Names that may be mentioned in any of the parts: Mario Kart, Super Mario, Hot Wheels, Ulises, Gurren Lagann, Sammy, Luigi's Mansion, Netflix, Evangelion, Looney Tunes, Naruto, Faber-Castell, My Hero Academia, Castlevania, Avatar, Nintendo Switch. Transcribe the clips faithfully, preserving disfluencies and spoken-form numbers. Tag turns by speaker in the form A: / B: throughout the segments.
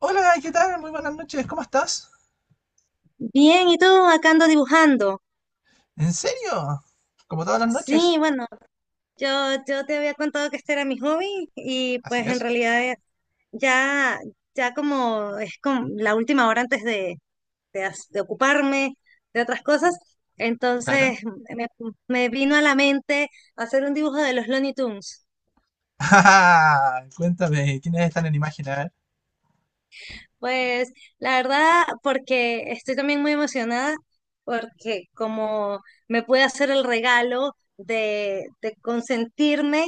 A: Hola, ¿qué tal? Muy buenas noches, ¿cómo estás?
B: Bien, ¿y tú acá ando dibujando?
A: ¿En serio? ¿Como todas las
B: Sí,
A: noches?
B: bueno, yo, yo te había contado que este era mi hobby y
A: Así
B: pues en
A: es,
B: realidad eh, ya, ya como es como la última hora antes de, de, as- de ocuparme de otras cosas,
A: claro.
B: entonces me, me vino a la mente hacer un dibujo de los Looney Tunes.
A: Ah, cuéntame, ¿quiénes están en imagen? A ver.
B: Pues la verdad, porque estoy también muy emocionada, porque como me pude hacer el regalo de, de consentirme,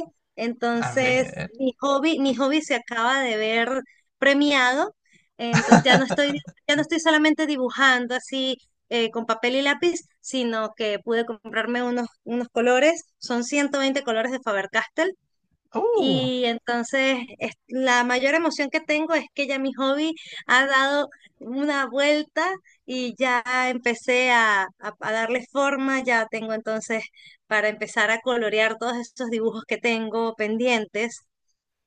A: A
B: entonces
A: ver.
B: mi hobby, mi hobby se acaba de ver premiado, entonces ya no estoy, ya no estoy solamente dibujando así eh, con papel y lápiz, sino que pude comprarme unos, unos colores, son ciento veinte colores de Faber-Castell
A: Uh.
B: y entonces es- la mayor emoción que tengo es que ya mi hobby ha dado una vuelta y ya empecé a, a- a darle forma, ya tengo entonces para empezar a colorear todos estos dibujos que tengo pendientes.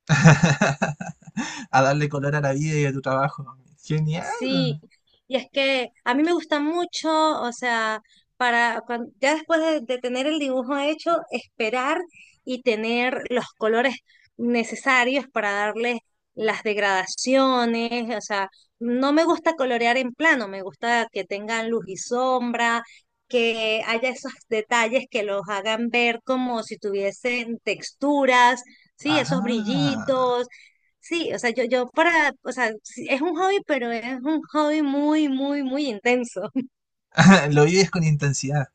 A: A darle color a la vida y a tu trabajo. Genial.
B: Sí, y es que a mí me gusta mucho, o sea, para cuan- ya después de, de tener el dibujo hecho, esperar y tener los colores necesarios para darle las degradaciones, o sea, no me gusta colorear en plano, me gusta que tengan luz y sombra, que haya esos detalles que los hagan ver como si tuviesen texturas, sí, esos
A: Ah,
B: brillitos. Sí, o sea, yo, yo para, o sea, sí, es un hobby, pero es un hobby muy, muy, muy intenso.
A: lo vives con intensidad.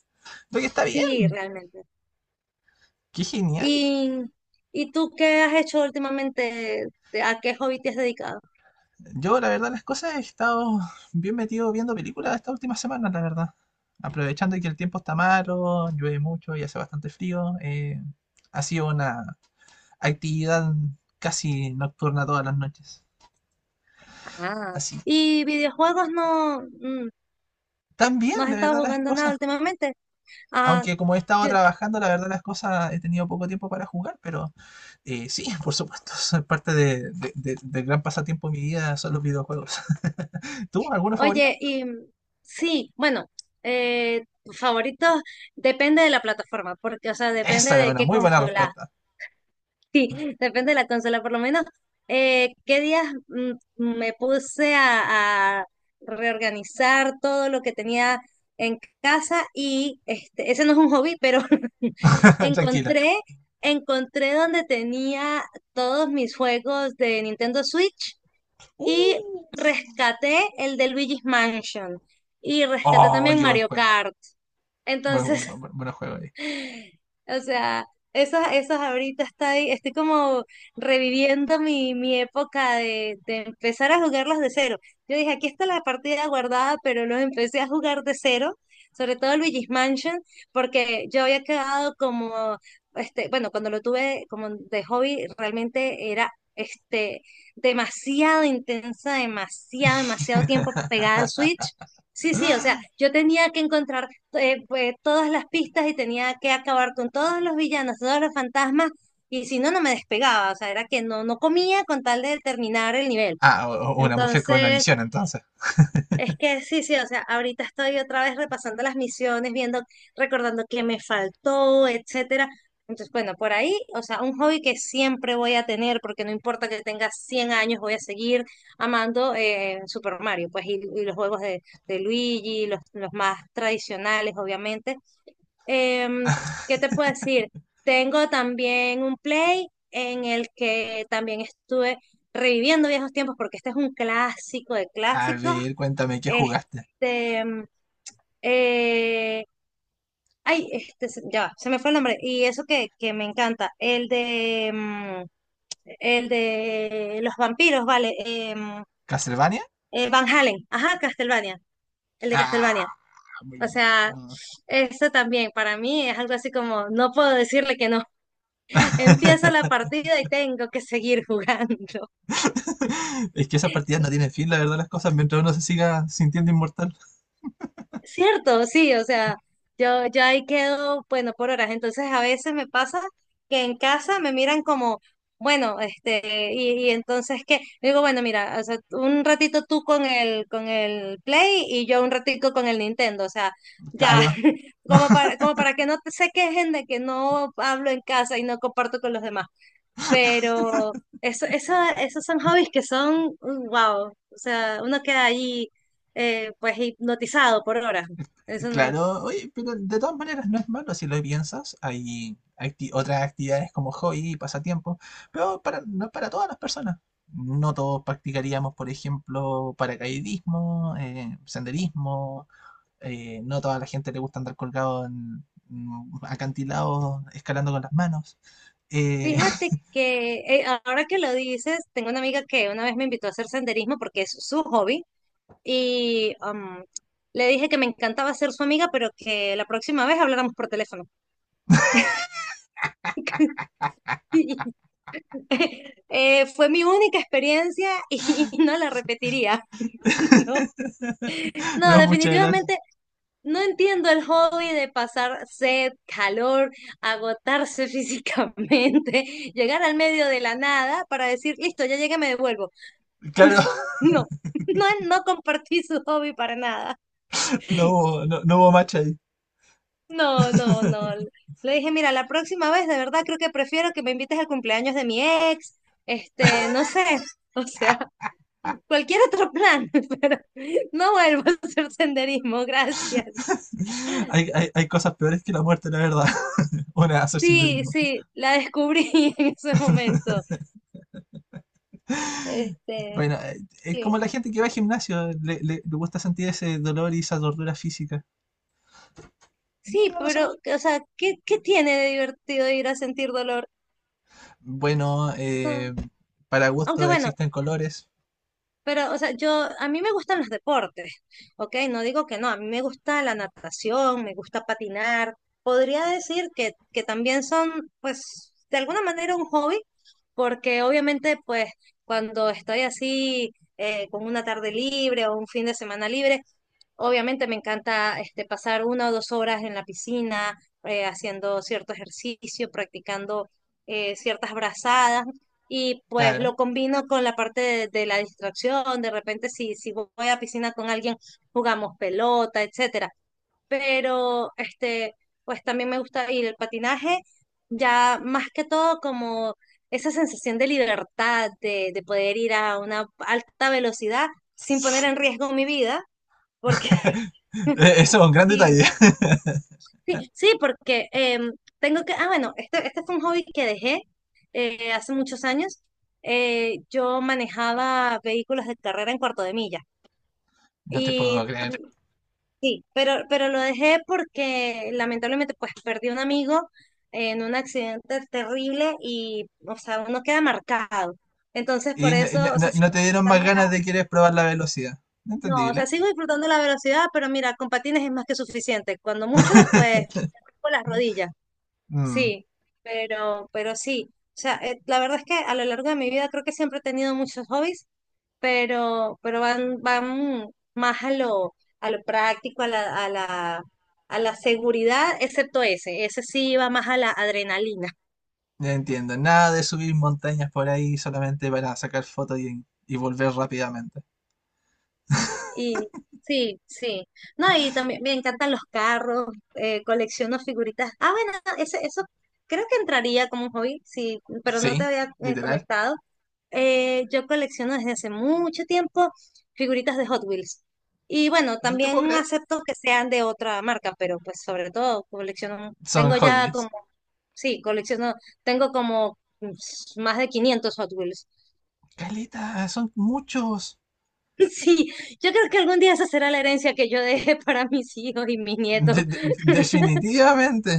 A: Lo que está bien.
B: Sí, realmente.
A: Qué genial.
B: ¿Y, y tú qué has hecho últimamente? ¿Te- A qué hobby te has dedicado?
A: Yo, la verdad, las cosas, he estado bien metido viendo películas estas últimas semanas, la verdad. Aprovechando que el tiempo está malo, llueve mucho y hace bastante frío. Eh, ha sido una actividad casi nocturna todas las noches.
B: Ah.
A: Así.
B: ¿Y videojuegos no, mm,
A: También
B: no has
A: la
B: estado
A: verdad, las
B: jugando nada
A: cosas.
B: últimamente? Ah,
A: Aunque como he estado
B: yo-
A: trabajando, la verdad, las cosas, he tenido poco tiempo para jugar, pero eh, sí, por supuesto, es parte de- de- de- del gran pasatiempo de mi vida son los videojuegos. ¿Tú, alguna favorita?
B: oye, y mm, sí, bueno, eh, tus favoritos depende de la plataforma, porque, o sea, depende
A: Esa era
B: de
A: una
B: qué
A: muy buena
B: consola.
A: respuesta.
B: Sí, depende de la consola. Por lo menos, eh, ¿qué días mm, me puse a, a reorganizar todo lo que tenía en casa? Y este, ese no es un hobby, pero
A: Tranquila.
B: encontré, encontré donde tenía todos mis juegos de Nintendo Switch y
A: Uh.
B: rescaté el de Luigi's Mansion. Y rescaté
A: Oh,
B: también
A: qué buen
B: Mario
A: juego.
B: Kart.
A: Buen,
B: Entonces,
A: buen- buen- buen juego ahí.
B: o sea, esos esos ahorita estoy, estoy como reviviendo mi, mi época de, de empezar a jugarlos de cero. Yo dije, aquí está la partida guardada, pero los empecé a jugar de cero, sobre todo Luigi's Mansion, porque yo había quedado como, este, bueno, cuando lo tuve como de hobby, realmente era este demasiado intensa, demasiado, demasiado tiempo pegada al Switch. Sí, sí, o sea, yo tenía que encontrar eh, pues, todas las pistas y tenía que acabar con todos los villanos, todos los fantasmas, y si no, no me despegaba, o sea, era que no, no comía con tal de terminar el nivel.
A: Ah, o- o una mujer con una
B: Entonces,
A: misión, entonces.
B: es que sí, sí, o sea, ahorita estoy otra vez repasando las misiones, viendo, recordando qué me faltó, etcétera. Entonces, bueno, por ahí, o sea, un hobby que siempre voy a tener, porque no importa que tenga cien años, voy a seguir amando eh, Super Mario, pues, y, y los juegos de, de Luigi, los, los más tradicionales, obviamente. Em, ¿Qué te puedo decir? Tengo también un play en el que también estuve reviviendo viejos tiempos porque este es un clásico de
A: A
B: clásicos.
A: ver, cuéntame, ¿qué
B: Este,
A: jugaste?
B: em, eh, ay, este, se- ya, va, se me fue el nombre. Y eso que, que me encanta, el de, em, el de los vampiros, vale, em,
A: ¿Castlevania?
B: eh, Van Halen, ajá, Castlevania, el de Castlevania.
A: Ah, muy
B: O sea,
A: bueno.
B: eso también para mí es algo así como, no puedo decirle que no. Empieza la partida y tengo que seguir jugando.
A: Es que esas partidas no tienen fin, la verdad, las cosas, mientras uno se siga sintiendo inmortal.
B: Cierto, sí, o sea, yo, yo ahí quedo, bueno, por horas. Entonces a veces me pasa que en casa me miran como, bueno, este, y, y entonces que, digo, bueno, mira, o sea, un ratito tú con el, con el Play y yo un ratito con el Nintendo, o sea, ya,
A: Claro.
B: como para, como para que no te se quejen de que no hablo en casa y no comparto con los demás. Pero eso, eso, esos son hobbies que son, wow, o sea, uno queda allí eh, pues hipnotizado por horas. Eso no.
A: Claro, oye, pero de todas maneras no es malo si lo piensas. Hay acti- otras actividades como hobby y pasatiempos, pero para, no es para todas las personas. No todos practicaríamos, por ejemplo, paracaidismo, eh, senderismo. Eh, no toda la gente le gusta andar colgado en mm, acantilados, escalando con las manos. Eh,
B: Fíjate que eh, ahora que lo dices, tengo una amiga que una vez me invitó a hacer senderismo porque es su hobby y um, le dije que me encantaba ser su amiga, pero que la próxima vez habláramos por teléfono. Eh, fue mi única experiencia y no la repetiría. No, no,
A: no, muchas gracias.
B: definitivamente. No entiendo el hobby de pasar sed, calor, agotarse físicamente, llegar al medio de la nada para decir, listo, ya llegué, me devuelvo.
A: Claro,
B: No, no, no compartí su hobby para nada.
A: no hubo, no, no hubo match ahí.
B: No, no, no. Le dije, mira, la próxima vez de verdad creo que prefiero que me invites al cumpleaños de mi ex, este, no sé, o sea, cualquier otro plan, pero no vuelvo a hacer senderismo, gracias.
A: Hay, hay, hay cosas peores que la muerte, la verdad. Una, hacer
B: Sí,
A: senderismo.
B: sí, la descubrí en ese momento. Este,
A: Bueno, eh, es
B: sí,
A: como la gente que va al gimnasio, le, le- le gusta sentir ese dolor y esa tortura física.
B: sí,
A: No lo sé por
B: pero,
A: qué.
B: o sea, ¿qué, qué tiene de divertido ir a sentir dolor?
A: Bueno,
B: No,
A: eh, para
B: aunque
A: gusto
B: bueno,
A: existen colores.
B: pero, o sea, yo, a mí me gustan los deportes, ¿ok? No digo que no, a mí me gusta la natación, me gusta patinar. Podría decir que, que también son, pues, de alguna manera un hobby, porque obviamente, pues, cuando estoy así, eh, con una tarde libre o un fin de semana libre, obviamente me encanta este, pasar una o dos horas en la piscina, eh, haciendo cierto ejercicio, practicando eh, ciertas brazadas y pues lo
A: Claro,
B: combino con la parte de, de la distracción. De repente si, si voy a piscina con alguien, jugamos pelota, etcétera. Pero este, pues también me gusta ir el patinaje, ya más que todo como esa sensación de libertad, de, de poder ir a una alta velocidad sin poner en riesgo mi vida.
A: eso es un gran detalle.
B: Sí, sí, sí, porque em, tengo que, ah, bueno, este, este fue un hobby que dejé eh, hace muchos años. Eh, yo manejaba vehículos de carrera en cuarto de milla.
A: No te puedo
B: Y
A: creer.
B: sí, pero, pero lo dejé porque lamentablemente pues perdí un amigo en un accidente terrible y, o sea, uno queda marcado. Entonces,
A: Y
B: por
A: n- n-
B: eso,
A: n-
B: o
A: no
B: sea, sigo
A: no te dieron más
B: disfrutando
A: ganas
B: la,
A: de querer probar la velocidad.
B: no, o sea,
A: Entendible.
B: sigo disfrutando la velocidad, pero mira, con patines es más que suficiente. Cuando mucho, pues, con las rodillas.
A: Mm,
B: Sí, pero, pero sí. O sea, eh, la verdad es que a lo largo de mi vida creo que siempre he tenido muchos hobbies, pero, pero van, van más a lo, a lo práctico, a la, a la, a la seguridad, excepto ese. Ese sí va más a la adrenalina.
A: ya entiendo. Nada de subir montañas por ahí solamente para sacar fotos y, y volver rápidamente.
B: Y sí, sí. No, y también me encantan los carros, eh, colecciono figuritas. Ah, bueno, ese, eso creo que entraría como un hobby, sí, pero no te
A: Sí,
B: había eh,
A: literal.
B: comentado. Eh, yo colecciono desde hace mucho tiempo figuritas de Hot Wheels. Y bueno,
A: No te puedo
B: también
A: creer.
B: acepto que sean de otra marca, pero pues sobre todo colecciono,
A: Son
B: tengo
A: Hot
B: ya
A: Wheels.
B: como, sí, colecciono, tengo como mm, s- más de quinientos Hot Wheels.
A: Caleta, son muchos.
B: Sí, yo creo que algún día esa será la herencia que yo deje para mis hijos y mis nietos.
A: De- de- definitivamente.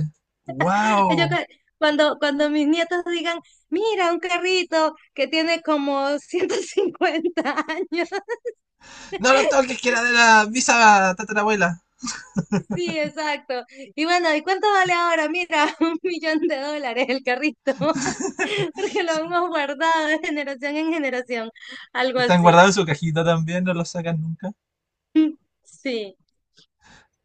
B: Yo
A: Wow.
B: creo- Cuando, cuando mis nietos digan, mira, un carrito que tiene como ciento cincuenta años.
A: No lo toques, que era de la visa tatarabuela.
B: Sí, exacto. Y bueno, ¿y cuánto vale ahora? Mira, un millón de dólares el carrito, porque lo hemos guardado de generación en generación, algo
A: Están
B: así.
A: guardados en su cajita también, no los sacan nunca.
B: Sí,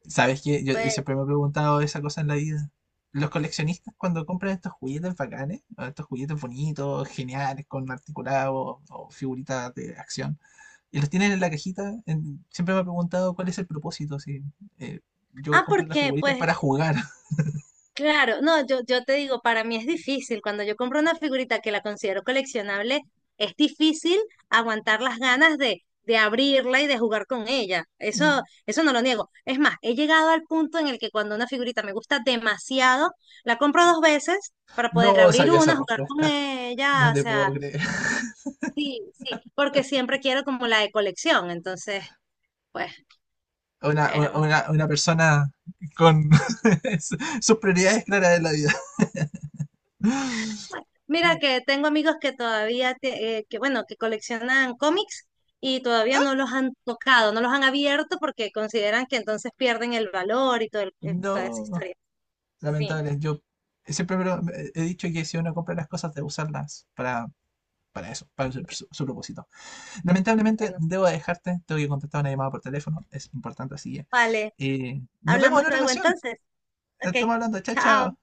A: ¿Sabes qué? Yo
B: pues.
A: siempre me he preguntado esa cosa en la vida. Los coleccionistas cuando compran estos juguetes bacanes, o estos juguetes bonitos, geniales, con articulados o figuritas de acción, y los tienen en la cajita, en- siempre me he preguntado cuál es el propósito. Si, eh, yo
B: Ah,
A: compro
B: ¿por
A: las
B: qué?
A: figuritas
B: Pues
A: para jugar.
B: claro, no, yo, yo te digo, para mí es difícil. Cuando yo compro una figurita que la considero coleccionable, es difícil aguantar las ganas de, de abrirla y de jugar con ella. Eso,
A: Mm.
B: eso no lo niego. Es más, he llegado al punto en el que cuando una figurita me gusta demasiado, la compro dos veces para poder
A: No
B: abrir
A: sabía esa
B: una, jugar con
A: respuesta.
B: ella.
A: No
B: O
A: te
B: sea,
A: puedo creer.
B: sí, sí, porque siempre quiero como la de colección. Entonces, pues,
A: Una,
B: pero
A: una, una persona con su- sus prioridades claras en la vida.
B: mira que tengo amigos que todavía, te- eh, que bueno, que coleccionan cómics y todavía no los han tocado, no los han abierto porque consideran que entonces pierden el valor y todo el- eh, toda esa
A: No,
B: historia. Sí,
A: lamentable. Yo siempre me lo- me- he dicho que si uno compra las cosas, debe usarlas para, para eso, para su,
B: pues,
A: su- su propósito. Lamentablemente,
B: bueno,
A: debo dejarte. Tengo que contestar una llamada por teléfono. Es importante, así que
B: vale,
A: eh, nos vemos
B: hablamos
A: en otra
B: luego
A: ocasión.
B: entonces. Ok,
A: Estamos hablando. Chao,
B: chao.
A: chao.